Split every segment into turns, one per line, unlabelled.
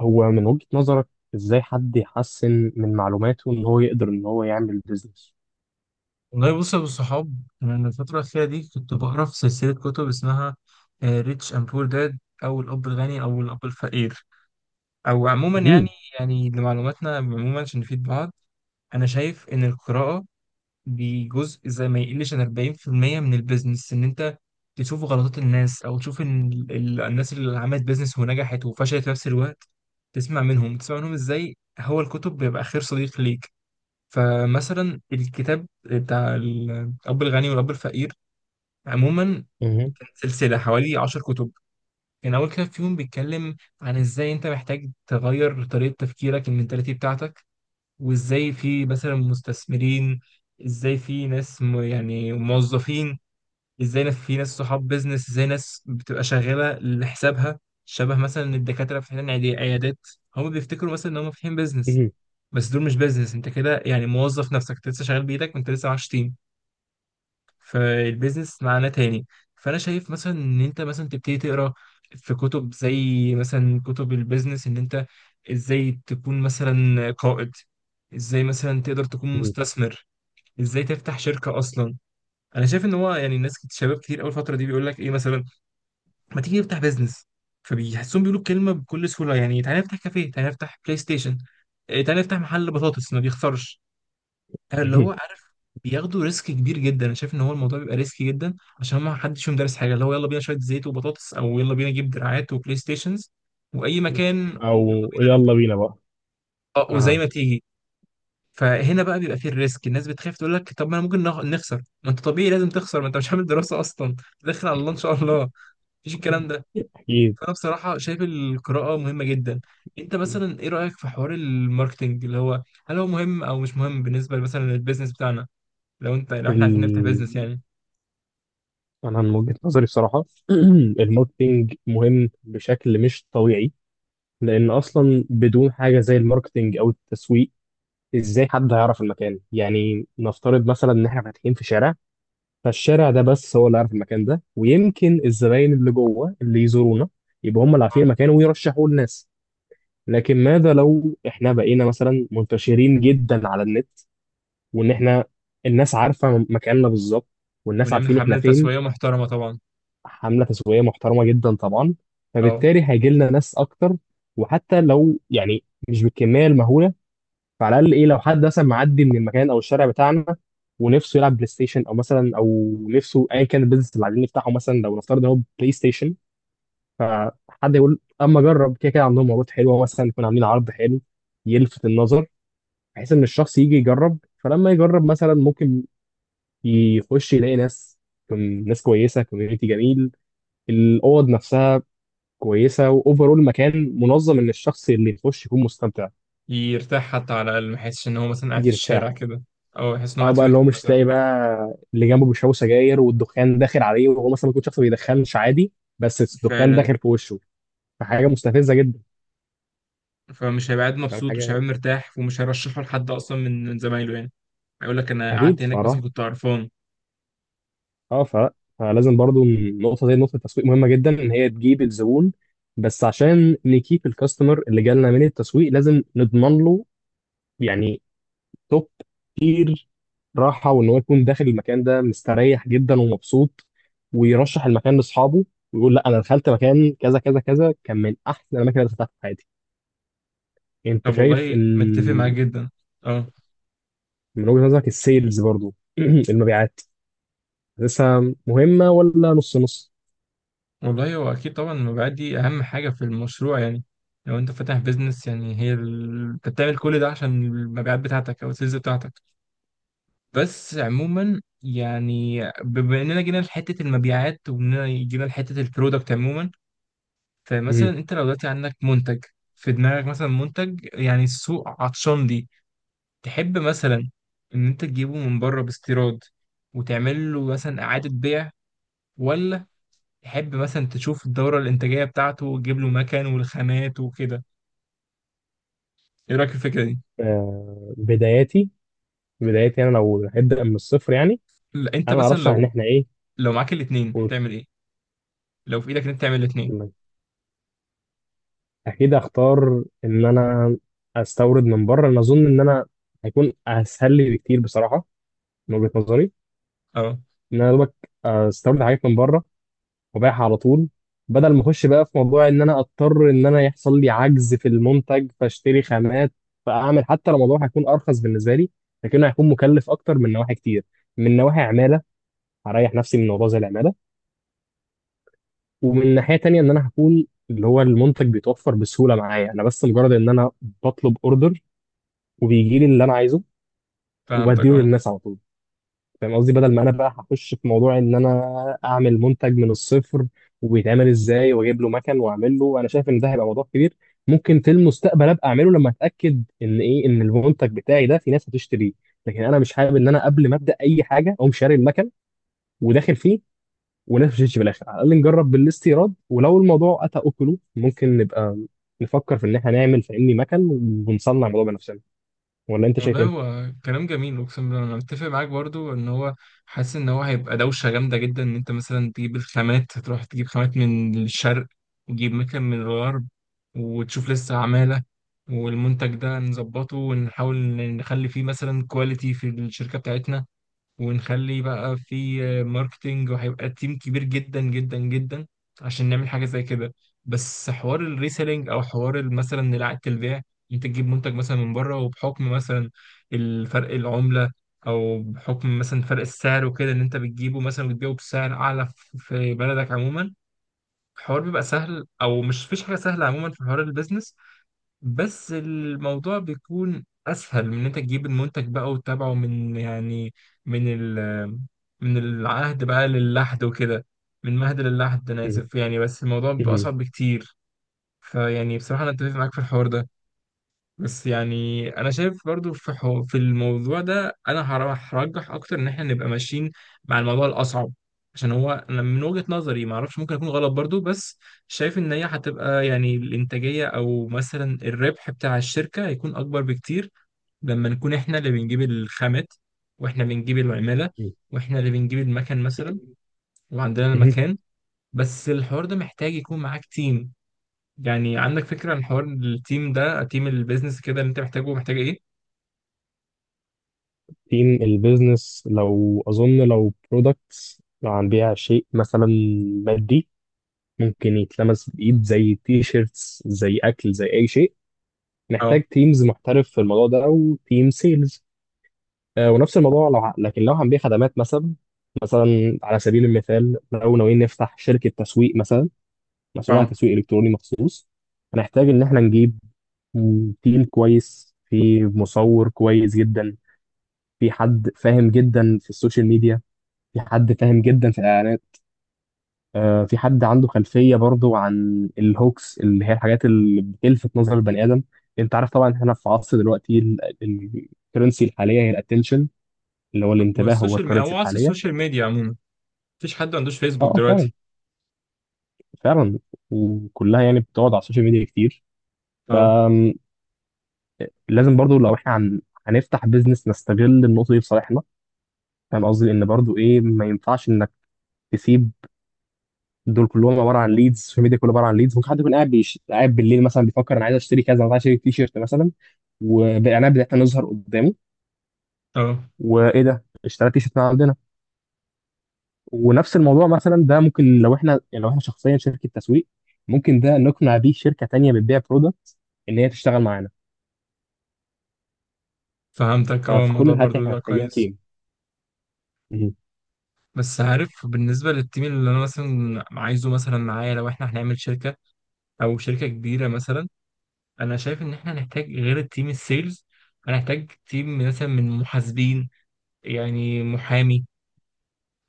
هو من وجهة نظرك، ازاي حد يحسن من معلوماته ان هو يقدر ان هو يعمل بيزنس؟
والله بص يا ابو الصحاب. انا من الفتره الاخيره دي كنت بقرا في سلسله كتب اسمها ريتش اند بور داد او الاب الغني او الاب الفقير، او عموما يعني.
مهم.
لمعلوماتنا عموما عشان نفيد بعض، انا شايف ان القراءه دي جزء زي ما يقلش عن 40% من البيزنس، ان انت تشوف غلطات الناس او تشوف ان الناس اللي عملت بيزنس ونجحت وفشلت في نفس الوقت، تسمع منهم تسمع منهم. ازاي هو الكتب بيبقى خير صديق ليك. فمثلا الكتاب بتاع الأب الغني والأب الفقير عموما
مهم.
سلسلة حوالي 10 كتب، كان أول كتاب فيهم بيتكلم عن إزاي أنت محتاج تغير طريقة تفكيرك المنتاليتي بتاعتك، وإزاي في مثلا مستثمرين، إزاي في ناس موظفين، ازاي ناس في ناس صحاب بيزنس، ازاي ناس بتبقى شغاله لحسابها، شبه مثلا الدكاتره فاتحين عيادات، هم بيفتكروا مثلا ان هم فاتحين بيزنس.
مهم.
بس دول مش بيزنس، انت كده يعني موظف نفسك، انت لسه شغال بايدك وانت لسه معكش تيم، فالبيزنس معناه تاني. فانا شايف مثلا ان انت مثلا تبتدي تقرا في كتب زي مثلا كتب البيزنس، ان انت ازاي تكون مثلا قائد، ازاي مثلا تقدر تكون
مهم.
مستثمر، ازاي تفتح شركة اصلا. انا شايف ان هو يعني الناس شباب كتير اول فتره دي بيقول لك ايه مثلا، ما تيجي نفتح بيزنس. فبيحسون بيقولوا الكلمه بكل سهوله، يعني تعالى نفتح كافيه، تعالى نفتح بلاي ستيشن، إيه، تعالى نفتح محل بطاطس ما بيخسرش، اللي
مهم.
هو عارف. بياخدوا ريسك كبير جدا، انا شايف ان هو الموضوع بيبقى ريسكي جدا، عشان ما حدش فيهم دارس حاجه، اللي هو يلا بينا شويه زيت وبطاطس او يلا بينا نجيب دراعات وبلاي ستيشنز واي مكان،
او يلا بينا بقى.
وزي
آه.
ما تيجي. فهنا بقى بيبقى فيه الريسك، الناس بتخاف تقول لك طب ما انا ممكن نخسر. ما انت طبيعي لازم تخسر، ما انت مش عامل دراسه اصلا، داخل على الله ان شاء الله، مفيش الكلام ده.
اكيد.
فانا بصراحه شايف القراءه مهمه جدا. انت مثلا ايه رايك في حوار الماركتنج، اللي هو هل هو مهم او مش مهم بالنسبه مثلا للبيزنس بتاعنا، لو انت لو احنا عايزين نفتح
ال...
بيزنس يعني؟
انا من وجهة نظري بصراحة الماركتينج مهم بشكل مش طبيعي، لان اصلا بدون حاجة زي الماركتينج او التسويق ازاي حد هيعرف المكان؟ يعني نفترض مثلا ان احنا فاتحين في شارع، فالشارع ده بس هو اللي عارف المكان ده، ويمكن الزباين اللي جوه اللي يزورونا يبقى هم اللي عارفين
آه.
المكان ويرشحوه للناس. لكن ماذا لو احنا بقينا مثلا منتشرين جدا على النت، وان احنا الناس عارفه مكاننا بالظبط والناس
ونعمل
عارفين احنا
حملة
فين؟
تسويقية محترمة طبعا.
حمله تسويقيه محترمه جدا طبعا،
اه.
فبالتالي هيجي لنا ناس اكتر. وحتى لو مش بالكميه المهوله، فعلى الاقل ايه، لو حد مثلا معدي من المكان او الشارع بتاعنا ونفسه يلعب بلاي ستيشن او مثلا او نفسه ايا كان البيزنس اللي عايزين نفتحه، مثلا لو نفترض إن هو بلاي ستيشن، فحد يقول اما اجرب، كده كده عندهم عروض حلوه، مثلا يكون عاملين عرض حلو يلفت النظر، بحيث ان الشخص يجي يجرب. فلما يجرب مثلا ممكن يخش يلاقي ناس، تكون ناس كويسه، كوميونتي جميل، الاوض نفسها كويسه، واوفرول المكان منظم، ان الشخص اللي يخش يكون مستمتع.
يرتاح حتى على الأقل، ما يحسش إن هو مثلا قاعد في الشارع
يرتاح.
كده، أو يحس إن هو
اه
قاعد في
بقى، اللي هو
بيتهم
مش
مثلا.
تلاقي بقى اللي جنبه بيشربوا سجاير والدخان داخل عليه، وهو مثلا ممكن شخص ما بيدخنش عادي، بس الدخان
فعلا.
داخل في وشه، فحاجه مستفزه جدا.
فمش هيبقى قاعد
فاهم
مبسوط ومش هيبقى
حاجه؟
مرتاح ومش هيرشحه لحد أصلا من زمايله يعني، هيقول لك أنا قعدت
اكيد
هناك مثلا
فراح.
كنت قرفان.
اه ف... فلازم برضو النقطه دي، نقطه التسويق، مهمه جدا ان هي تجيب الزبون. بس عشان نكيب الكاستمر اللي جالنا من التسويق لازم نضمن له يعني توب كتير راحة، وإن هو يكون داخل المكان ده مستريح جدا ومبسوط، ويرشح المكان لأصحابه، ويقول لا أنا دخلت مكان كذا كذا كذا، كان من أحسن الأماكن اللي دخلتها في حياتي. أنت
طب
شايف
والله متفق معاك
إن
جدا. اه.
من وجهة نظرك السيلز برضو المبيعات لسه مهمة ولا نص نص؟
والله هو اكيد طبعا المبيعات دي اهم حاجه في المشروع يعني، لو انت فاتح بيزنس يعني هي ال... انت بتعمل كل ده عشان المبيعات بتاعتك او السيلز بتاعتك. بس عموما يعني بما اننا جينا لحته المبيعات واننا جينا لحته البرودكت عموما، فمثلا
مم.
انت لو دلوقتي عندك منتج في دماغك مثلا منتج يعني السوق عطشان ليه، تحب مثلا ان انت تجيبه من بره باستيراد وتعمل له مثلا اعاده بيع، ولا تحب مثلا تشوف الدورة الإنتاجية بتاعته وتجيب له مكان والخامات وكده؟ إيه رأيك في الفكرة دي؟
آه، بداياتي، بداياتي أنا لو هبدأ من الصفر يعني.
لا، أنت
أنا
مثلا
أرشح إن
لو
إحنا.
لو معاك الاتنين هتعمل إيه؟ لو في إيدك إن أنت تعمل الاتنين.
إيه، اكيد اختار ان انا استورد من بره. انا اظن ان انا هيكون اسهل لي بكتير بصراحه، من وجهه نظري،
أه.
ان انا يا دوبك استورد حاجات من بره وابيعها على طول، بدل ما اخش بقى في موضوع ان انا اضطر ان انا يحصل لي عجز في المنتج فاشتري خامات فاعمل. حتى لو الموضوع هيكون ارخص بالنسبه لي، لكنه هيكون مكلف اكتر من نواحي كتير، من نواحي عماله. هريح نفسي من موضوع زي العماله. ومن ناحيه تانيه ان انا هكون اللي هو المنتج بيتوفر بسهوله معايا، انا بس مجرد ان انا بطلب اوردر وبيجي لي اللي انا عايزه
فهمتك
وبديله
أه.
للناس على طول. فاهم قصدي؟ بدل ما انا بقى هخش في موضوع ان انا اعمل منتج من الصفر وبيتعمل ازاي واجيب له مكن واعمل له، انا شايف ان ده هيبقى موضوع كبير. ممكن في المستقبل ابقى اعمله لما اتاكد ان ايه، ان المنتج بتاعي ده في ناس هتشتريه. لكن انا مش حابب ان انا قبل ما ابدا اي حاجه اقوم شاري المكن وداخل فيه، وناس ما تشتريش في الاخر. على الاقل نجرب بالاستيراد، ولو الموضوع اتى اكله ممكن نبقى نفكر في ان احنا نعمل فاهمني مكن ونصنع الموضوع بنفسنا. ولا انت شايف
والله
ايه؟
هو كلام جميل اقسم بالله، انا متفق معاك برضو، ان هو حاسس ان هو هيبقى دوشه جامده جدا ان انت مثلا تجيب الخامات، تروح تجيب خامات من الشرق وتجيب مكان من الغرب وتشوف لسه عماله والمنتج ده نظبطه، ونحاول نخلي فيه مثلا كواليتي في الشركه بتاعتنا، ونخلي بقى في ماركتينج، وهيبقى تيم كبير جدا جدا جدا عشان نعمل حاجة زي كده. بس حوار الريسيلينج او حوار مثلا إعادة البيع، انت تجيب منتج مثلا من بره وبحكم مثلا الفرق العملة او بحكم مثلا فرق السعر وكده، ان انت بتجيبه مثلا وتبيعه بسعر اعلى في بلدك عموما، الحوار بيبقى سهل. او مش فيش حاجة سهلة عموما في حوار البيزنس، بس الموضوع بيكون اسهل من ان انت تجيب المنتج بقى وتتابعه من يعني من ال من العهد بقى للحد وكده، من مهد للحد، انا اسف يعني، بس الموضوع بيبقى اصعب بكتير. فيعني بصراحة انا اتفق معاك في الحوار ده، بس يعني انا شايف برضو في في الموضوع ده انا هرجح اكتر ان احنا نبقى ماشيين مع الموضوع الاصعب، عشان هو انا من وجهة نظري ما اعرفش، ممكن اكون غلط برضو، بس شايف ان هي هتبقى يعني الانتاجية او مثلا الربح بتاع الشركة هيكون اكبر بكتير لما نكون احنا اللي بنجيب الخامات واحنا بنجيب العمالة واحنا اللي بنجيب المكن مثلا وعندنا
مهم.
المكان. بس الحوار ده محتاج يكون معاك تيم، يعني عندك فكرة عن حوار التيم ده، تيم البيزنس كده اللي انت محتاجه، محتاج ايه؟
تيم البيزنس لو أظن لو برودكتس، لو هنبيع شيء مثلا مادي ممكن يتلمس بإيد زي تي شيرتس زي أكل زي أي شيء، نحتاج
اه.
تيمز محترف في الموضوع ده أو تيم سيلز. آه ونفس الموضوع لو لكن لو هنبيع خدمات مثلا، مثلا على سبيل المثال لو ناويين نفتح شركة تسويق مثلا مسؤول عن
اه.
تسويق إلكتروني مخصوص، هنحتاج إن إحنا نجيب تيم كويس، في مصور كويس جدا، في حد فاهم جدا في السوشيال ميديا، في حد فاهم جدا في الاعلانات، آه، في حد عنده خلفيه برضو عن الهوكس اللي هي الحاجات اللي بتلفت نظر البني ادم. انت عارف طبعا احنا في عصر دلوقتي الكرنسي الحاليه هي الاتنشن، اللي هو الانتباه هو
والسوشيال ميديا،
الكرنسي
هو عصر
الحاليه.
السوشيال ميديا عموما، مفيش حد ما عندوش فيسبوك
اه اه، فعلا،
دلوقتي.
فعلا. وكلها بتقعد على السوشيال ميديا كتير.
اه.
فلازم برضو لو احنا هنفتح بيزنس نستغل النقطه دي في صالحنا. فاهم قصدي ان برضو ايه، ما ينفعش انك تسيب. دول كلهم عباره عن ليدز، السوشيال ميديا كله عباره عن ليدز. ممكن حد يكون قاعد بالليل مثلا بيفكر انا عايز اشتري كذا، انا عايز اشتري تي شيرت مثلا، والاعلانات بتاعتنا نظهر قدامه،
اه.
وايه ده اشتريت تي شيرت من عندنا. ونفس الموضوع مثلا ده ممكن لو احنا لو احنا شخصيا شركه تسويق، ممكن ده نقنع بيه شركه تانيه بتبيع برودكت ان هي تشتغل معانا.
فهمتك، اه
ففي كل
الموضوع
الحالات
برضو
احنا
بيبقى
محتاجين
كويس.
تيم. مهم.
بس عارف، بالنسبة للتيم اللي أنا مثلا عايزه مثلا معايا لو إحنا هنعمل شركة أو شركة كبيرة مثلا، أنا شايف إن إحنا هنحتاج غير التيم السيلز، هنحتاج تيم مثلا من محاسبين، يعني محامي،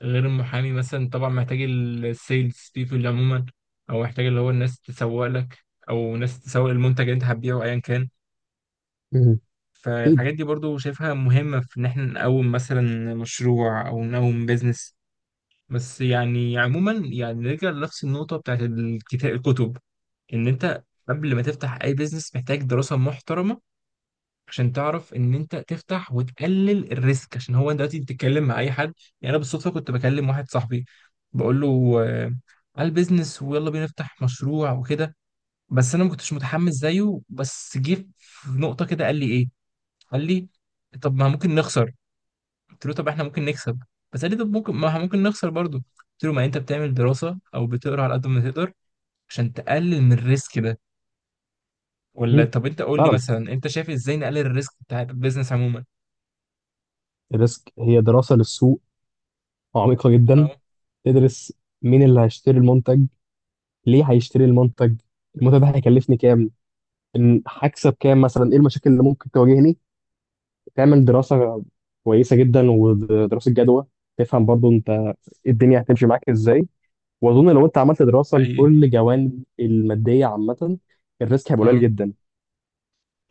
غير المحامي مثلا، طبعا محتاج السيلز بيبول عموما، أو محتاج اللي هو الناس تسوق لك، أو ناس تسوق المنتج اللي أنت هتبيعه أيا كان.
مهم. اكيد.
فالحاجات دي برضو شايفها مهمة في إن إحنا نقوم مثلا مشروع أو نقوم بيزنس. بس يعني عموما يعني نرجع لنفس النقطة بتاعت الكتاب الكتب، إن أنت قبل ما تفتح أي بيزنس محتاج دراسة محترمة عشان تعرف إن أنت تفتح وتقلل الريسك، عشان هو أنت دلوقتي بتتكلم مع أي حد. يعني أنا بالصدفة كنت بكلم واحد صاحبي، بقول له آه، على البيزنس ويلا بينا نفتح مشروع وكده، بس أنا ما كنتش متحمس زيه، بس جه في نقطة كده قال لي إيه، قال لي طب ما ممكن نخسر. قلت له طب احنا ممكن نكسب. بس قال لي طب ممكن، ما احنا ممكن نخسر برضه. قلت له ما انت بتعمل دراسة او بتقرا على قد ما تقدر عشان تقلل من الريسك ده. ولا
مهم.
طب انت قول لي
فعلا.
مثلا انت شايف ازاي نقلل الريسك بتاع البيزنس عموما؟
الريسك هي دراسه للسوق عميقه جدا.
اه.
تدرس مين اللي هيشتري المنتج، ليه هيشتري المنتج، المنتج ده هيكلفني كام، إن هكسب كام مثلا، ايه المشاكل اللي ممكن تواجهني. تعمل دراسة كويسة جدا ودراسة جدوى، تفهم برضو انت إيه الدنيا هتمشي معاك ازاي. واظن لو انت عملت دراسة
حقيقي.
لكل جوانب المادية عامة الريسك هيبقى قليل
اه.
جدا.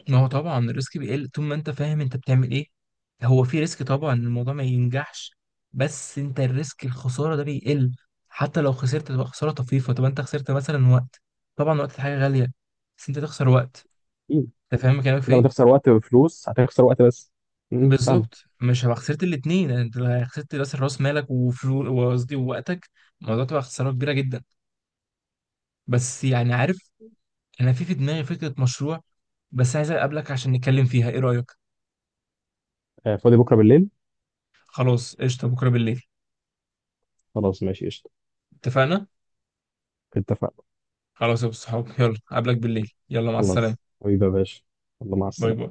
ما هو طبعا الريسك بيقل طول ما انت فاهم انت بتعمل ايه. هو في ريسك طبعا إن الموضوع ما ينجحش، بس انت الريسك الخسارة ده بيقل، حتى لو خسرت تبقى خسارة طفيفة. طب انت خسرت مثلا وقت، طبعا وقت حاجة غالية، بس انت تخسر وقت.
مم.
انت فاهم كلامك في
بدل ما
ايه؟
تخسر وقت وفلوس هتخسر وقت بس. مم، فاهمك.
بالظبط، مش هبقى خسرت الاثنين. انت لو خسرت راس راس مالك وفلوس، وقصدي ووقتك، الموضوع تبقى خساره كبيره جدا. بس يعني عارف، انا في دماغي فكره مشروع، بس عايز اقابلك عشان نتكلم فيها، ايه رايك؟
آه، فاضي بكرة بالليل.
خلاص قشطه، بكره بالليل.
خلاص ماشي قشطة.
اتفقنا؟
اتفقنا.
خلاص يا ابو الصحاب، يلا اقابلك بالليل، يلا مع السلامه.
خلاص حبيبي يا باشا، الله مع
باي باي.
السلامة.